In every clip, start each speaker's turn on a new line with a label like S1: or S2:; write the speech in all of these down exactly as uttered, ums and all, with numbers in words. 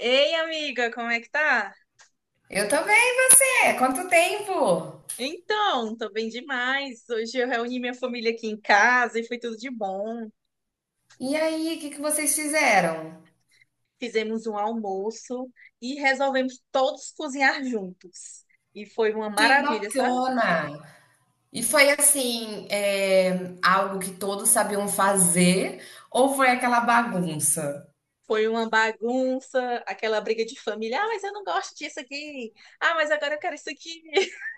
S1: Ei, amiga, como é que tá?
S2: Eu também, e você? Quanto tempo?
S1: Então, tô bem demais. Hoje eu reuni minha família aqui em casa e foi tudo de bom.
S2: E aí, o que que vocês fizeram?
S1: Fizemos um almoço e resolvemos todos cozinhar juntos. E foi uma
S2: Que
S1: maravilha, sabe?
S2: bacana! E foi assim, é, algo que todos sabiam fazer ou foi aquela bagunça?
S1: Foi uma bagunça, aquela briga de família. Ah, mas eu não gosto disso aqui. Ah, mas agora eu quero isso aqui.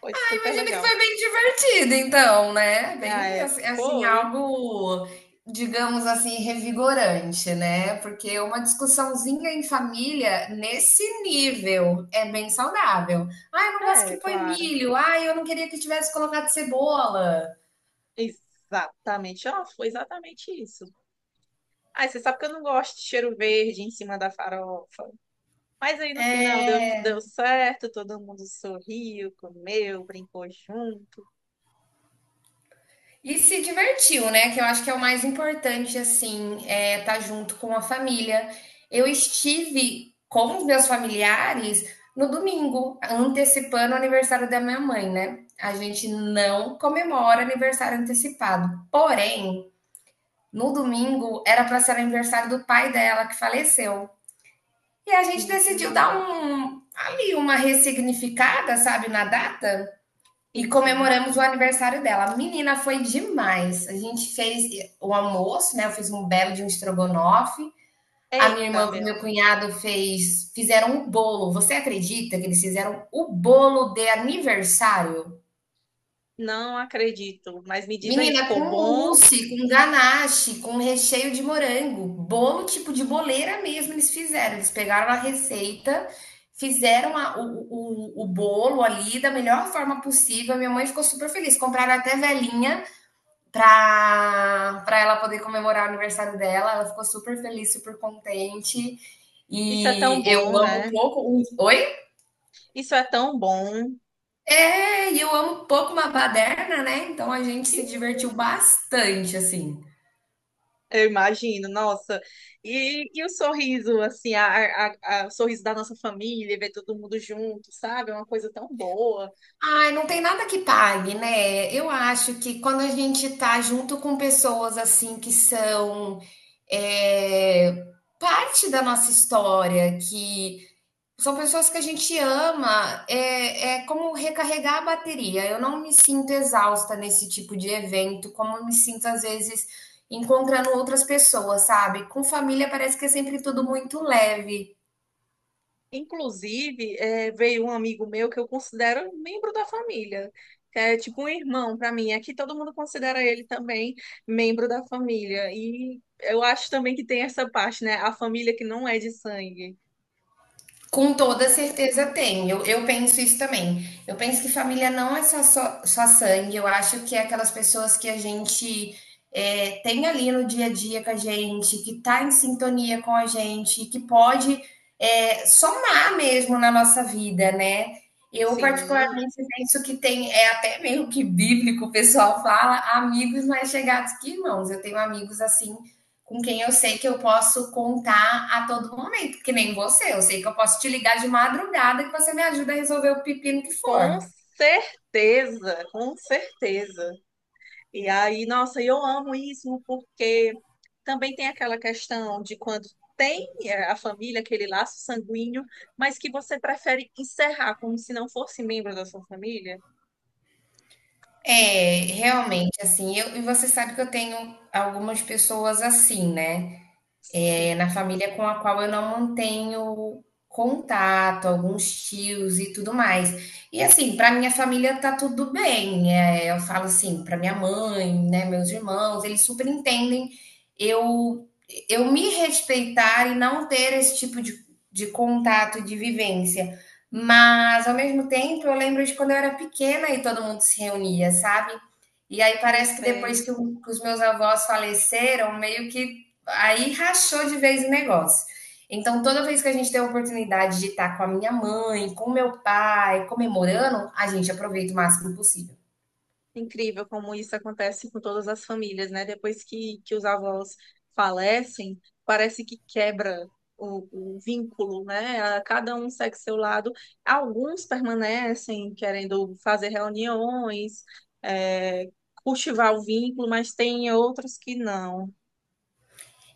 S1: Foi super
S2: Imagino que
S1: legal.
S2: foi bem divertido, então, né?
S1: Ah,
S2: Bem,
S1: é,
S2: assim, assim,
S1: foi.
S2: algo, digamos assim, revigorante, né? Porque uma discussãozinha em família nesse nível é bem saudável. Ah, eu não gosto que
S1: É,
S2: põe
S1: claro.
S2: milho. Ah, eu não queria que tivesse colocado cebola.
S1: Exatamente. Ó, foi exatamente isso. Ai, você sabe que eu não gosto de cheiro verde em cima da farofa. Mas aí no final deu,
S2: É.
S1: deu certo, todo mundo sorriu, comeu, brincou junto.
S2: E se divertiu, né? Que eu acho que é o mais importante, assim, é estar junto com a família. Eu estive com os meus familiares no domingo, antecipando o aniversário da minha mãe, né? A gente não comemora aniversário antecipado. Porém, no domingo era para ser o aniversário do pai dela que faleceu. E a gente decidiu
S1: Uhum.
S2: dar um ali uma ressignificada, sabe, na data. E
S1: Enfim.
S2: comemoramos o aniversário dela. Menina, foi demais. A gente fez o almoço, né? Eu fiz um belo de um estrogonofe. A minha
S1: Eita,
S2: irmã com o
S1: meu,
S2: meu cunhado fez, fizeram um bolo. Você acredita que eles fizeram o bolo de aniversário?
S1: não acredito. Mas me diz aí,
S2: Menina, com
S1: ficou bom?
S2: mousse, com ganache, com recheio de morango, bolo tipo de boleira mesmo eles fizeram. Eles pegaram a receita, fizeram a- o, o, o bolo ali da melhor forma possível. A minha mãe ficou super feliz. Compraram até velinha para para ela poder comemorar o aniversário dela. Ela ficou super feliz, super contente.
S1: Isso é tão
S2: E eu
S1: bom,
S2: amo um
S1: né?
S2: pouco. os- Oi?
S1: Isso é tão bom.
S2: É, e eu amo um pouco uma baderna, né? Então a gente se divertiu bastante, assim.
S1: Eu imagino, nossa. E, e o sorriso, assim, a, a- a- o sorriso da nossa família, ver todo mundo junto, sabe? É uma coisa tão boa.
S2: Ai, não tem nada que pague, né? Eu acho que quando a gente tá junto com pessoas assim que são é, parte da nossa história, que são pessoas que a gente ama, é, é como recarregar a bateria. Eu não me sinto exausta nesse tipo de evento, como eu me sinto às vezes encontrando outras pessoas, sabe? Com família parece que é sempre tudo muito leve.
S1: Inclusive, eh, veio um amigo meu que eu considero um membro da família, que é tipo um irmão para mim. Aqui todo mundo considera ele também membro da família. E eu acho também que tem essa parte, né? A família que não é de sangue.
S2: Com toda certeza tem. Eu, eu penso isso também. Eu penso que família não é só, só, só sangue. Eu acho que é aquelas pessoas que a gente é, tem ali no dia a dia com a gente, que está em sintonia com a gente, que pode é, somar mesmo na nossa vida, né? Eu,
S1: Sim,
S2: particularmente, penso que tem, é até meio que bíblico, o pessoal fala, amigos mais chegados que irmãos. Eu tenho amigos assim com quem eu sei que eu posso contar a todo momento, que nem você. Eu sei que eu posso te ligar de madrugada que você me ajuda a resolver o pepino que
S1: com
S2: for.
S1: certeza, com certeza. E aí, nossa, eu amo isso porque também tem aquela questão de quando tem é, a família, aquele laço sanguíneo, mas que você prefere encerrar como se não fosse membro da sua família.
S2: É, realmente, assim, eu, e você sabe que eu tenho algumas pessoas assim, né? É,
S1: Sim,
S2: na família com a qual eu não mantenho contato, alguns tios e tudo mais. E assim, para minha família tá tudo bem. É, eu falo assim, para minha mãe, né, meus irmãos, eles super entendem eu eu me respeitar e não ter esse tipo de, de contato, e de vivência. Mas ao mesmo tempo, eu lembro de quando eu era pequena e todo mundo se reunia, sabe? E aí
S1: eu
S2: parece que depois
S1: sei.
S2: que, o- que os meus avós faleceram, meio que aí rachou de vez o negócio. Então, toda vez que a gente tem a oportunidade de estar com a minha mãe, com o meu pai, comemorando, a gente aproveita o máximo possível.
S1: Incrível como isso acontece com todas as famílias, né? Depois que, que os avós falecem, parece que quebra o, o vínculo, né? A- Cada um segue seu lado. Alguns permanecem querendo fazer reuniões, é, cultivar o vínculo, mas tem outros que não.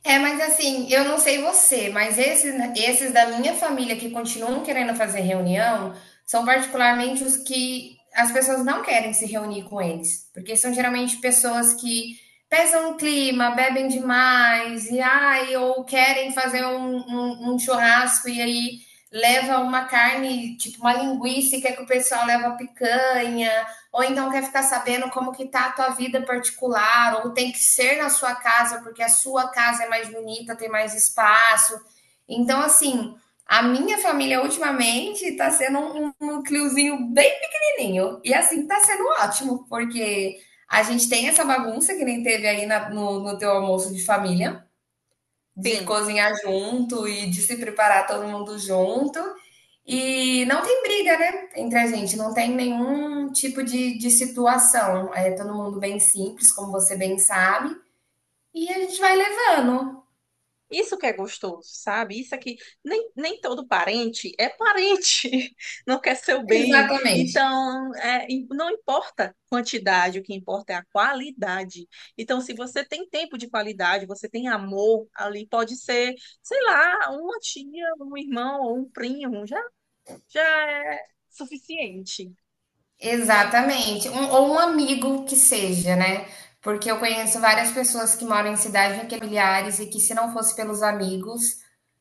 S2: É, mas assim, eu não sei você, mas esses, esses da minha família que continuam querendo fazer reunião são particularmente os que as pessoas não querem se reunir com eles, porque são geralmente pessoas que pesam o clima, bebem demais, e ai, ou querem fazer um, um- um churrasco e aí leva uma carne, tipo uma linguiça, e quer que o pessoal leva picanha ou então quer ficar sabendo como que tá a tua vida particular, ou tem que ser na sua casa porque a sua casa é mais bonita, tem mais espaço. Então, assim, a minha família ultimamente tá sendo um um núcleozinho bem pequenininho. E assim, tá sendo ótimo, porque a gente tem essa bagunça que nem teve aí na- no, no teu almoço de família, de
S1: Sim.
S2: cozinhar junto e de se preparar todo mundo junto. E não tem briga, né, entre a gente, não tem nenhum tipo de, de situação. É todo mundo bem simples, como você bem sabe, e a gente vai levando.
S1: Isso que é gostoso, sabe? Isso aqui, nem, nem todo parente é parente, não quer seu bem.
S2: Exatamente.
S1: Então, é, e não importa a quantidade, o que importa é a qualidade. Então, se você tem tempo de qualidade, você tem amor ali, pode ser, sei lá, uma tia, um irmão ou um primo, já, já é suficiente.
S2: Exatamente. Um- ou um amigo que seja, né? Porque eu conheço várias pessoas que moram em cidades familiares e que, se não fosse pelos amigos,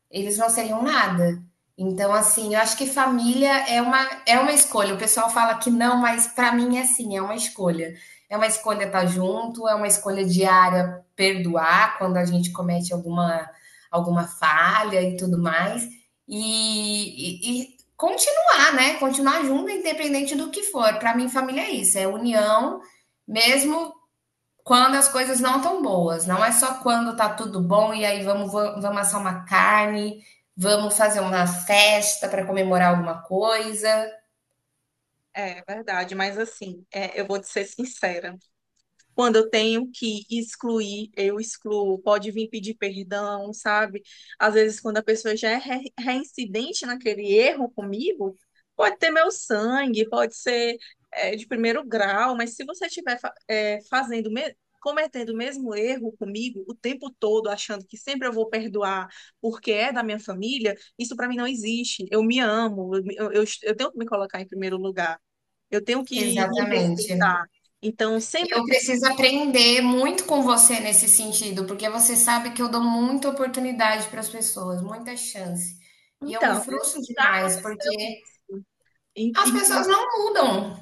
S2: eles não seriam nada. Então, assim, eu acho que família é uma, é uma escolha. O pessoal fala que não, mas para mim é sim, é uma escolha. É uma escolha estar junto, é uma escolha diária perdoar quando a gente comete alguma, alguma falha e tudo mais. E, e, e continuar, né? Continuar junto, independente do que for. Para mim, família é isso, é união, mesmo quando as coisas não estão boas, não é só quando tá tudo bom e aí vamos, vamos vamos assar uma carne, vamos fazer uma festa para comemorar alguma coisa.
S1: É verdade, mas assim, é, eu vou te ser sincera. Quando eu tenho que excluir, eu excluo. Pode vir pedir perdão, sabe? Às vezes, quando a pessoa já é re- reincidente naquele erro comigo, pode ter meu sangue, pode ser, é, de primeiro grau, mas se você estiver, fa- é, fazendo, me- cometendo o mesmo erro comigo o tempo todo, achando que sempre eu vou perdoar porque é da minha família, isso para mim não existe. Eu me amo, eu, me- eu eu- eu tenho que me colocar em primeiro lugar, eu tenho que me
S2: Exatamente.
S1: respeitar. Então, sempre
S2: Eu preciso aprender muito com você nesse sentido, porque você sabe que eu dou muita oportunidade para as pessoas, muita chance. E eu me
S1: então,
S2: frustro
S1: já
S2: demais,
S1: aconteceu
S2: porque
S1: isso. In-
S2: as pessoas
S1: in-
S2: não mudam.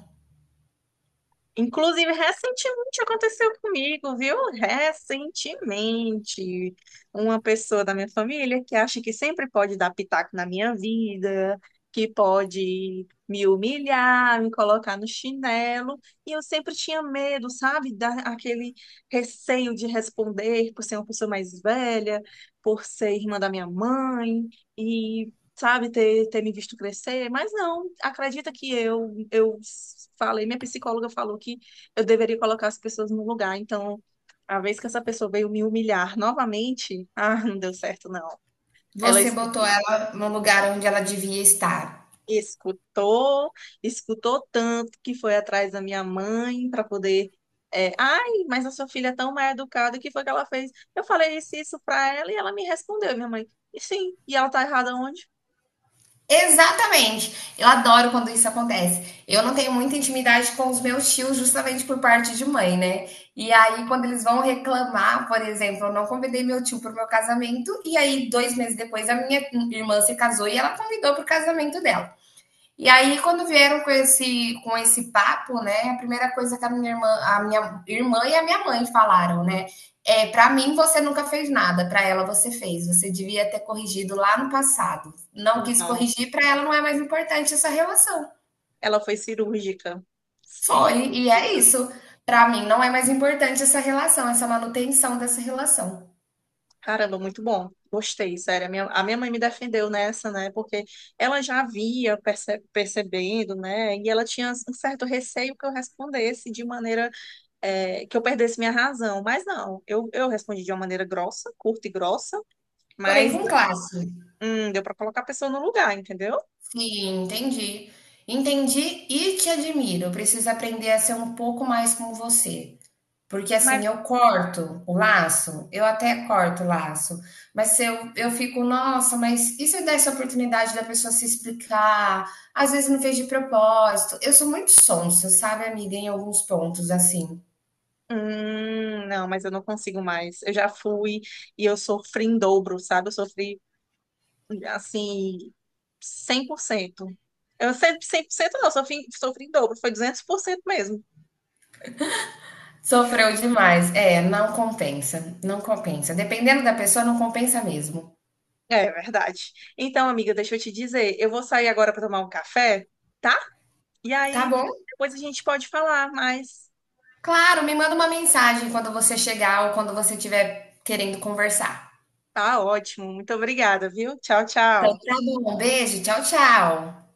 S1: Inclusive, recentemente aconteceu comigo, viu? Recentemente. Uma pessoa da minha família que acha que sempre pode dar pitaco na minha vida, que pode me humilhar, me colocar no chinelo. E eu sempre tinha medo, sabe? Da, aquele receio de responder por ser uma pessoa mais velha, por ser irmã da minha mãe. E sabe, ter, ter me visto crescer, mas não, acredita que eu, eu falei, minha psicóloga falou que eu deveria colocar as pessoas no lugar, então a vez que essa pessoa veio me humilhar novamente, ah, não deu certo não. Ela
S2: Você
S1: es-
S2: botou ela no lugar onde ela devia estar.
S1: Escutou, escutou tanto que foi atrás da minha mãe para poder é, ai, mas a sua filha é tão mal educada, o que foi que ela fez? Eu falei isso, isso pra ela e ela me respondeu, minha mãe. E sim, e ela tá errada onde?
S2: Exatamente. Eu adoro quando isso acontece. Eu não tenho muita intimidade com os meus tios, justamente por parte de mãe, né? E aí, quando eles vão reclamar, por exemplo, eu não convidei meu tio para o meu casamento, e aí, dois meses depois, a minha irmã se casou e ela convidou para o casamento dela. E aí, quando vieram com esse, com esse papo, né, a primeira coisa que a minha irmã, a minha irmã e a minha mãe falaram, né, é, para mim você nunca fez nada, para ela você fez. Você devia ter corrigido lá no passado. Não quis
S1: Não,
S2: corrigir, para ela não é mais importante essa relação.
S1: ela foi cirúrgica.
S2: Foi, e é
S1: Cirúrgica.
S2: isso. Para mim não é mais importante essa relação, essa manutenção dessa relação.
S1: Caramba, muito bom. Gostei, sério. A minha, a minha mãe me defendeu nessa, né? Porque ela já havia perce- percebendo, né? E ela tinha um certo receio que eu respondesse de maneira, eh, que eu perdesse minha razão. Mas não, eu, eu respondi de uma maneira grossa, curta e grossa,
S2: Porém,
S1: mas
S2: com classe.
S1: hum, deu para colocar a pessoa no lugar, entendeu?
S2: Sim, entendi. Entendi e te admiro. Eu preciso aprender a ser um pouco mais como você. Porque assim,
S1: Mas,
S2: eu corto o laço, eu até corto o laço, mas se eu, eu fico, nossa, mas e se eu desse a oportunidade da pessoa se explicar? Às vezes não fez de propósito. Eu sou muito sonsa, sabe, amiga, em alguns pontos, assim.
S1: hum, não, mas eu não consigo mais. Eu já fui e eu sofri em dobro, sabe? Eu sofri assim, cem por cento eu sempre cem por cento não, sofri, sofri em dobro, foi duzentos por cento mesmo.
S2: Sofreu demais. É, não compensa, não compensa. Dependendo da pessoa, não compensa mesmo.
S1: É verdade. Então, amiga, deixa eu te dizer, eu vou sair agora para tomar um café, tá? E
S2: Tá
S1: aí
S2: bom?
S1: depois a gente pode falar, mas
S2: Claro, me manda uma mensagem quando você chegar ou quando você estiver querendo conversar.
S1: tá ótimo. Muito obrigada, viu? Tchau,
S2: Então
S1: tchau.
S2: tá bom, um beijo, tchau, tchau.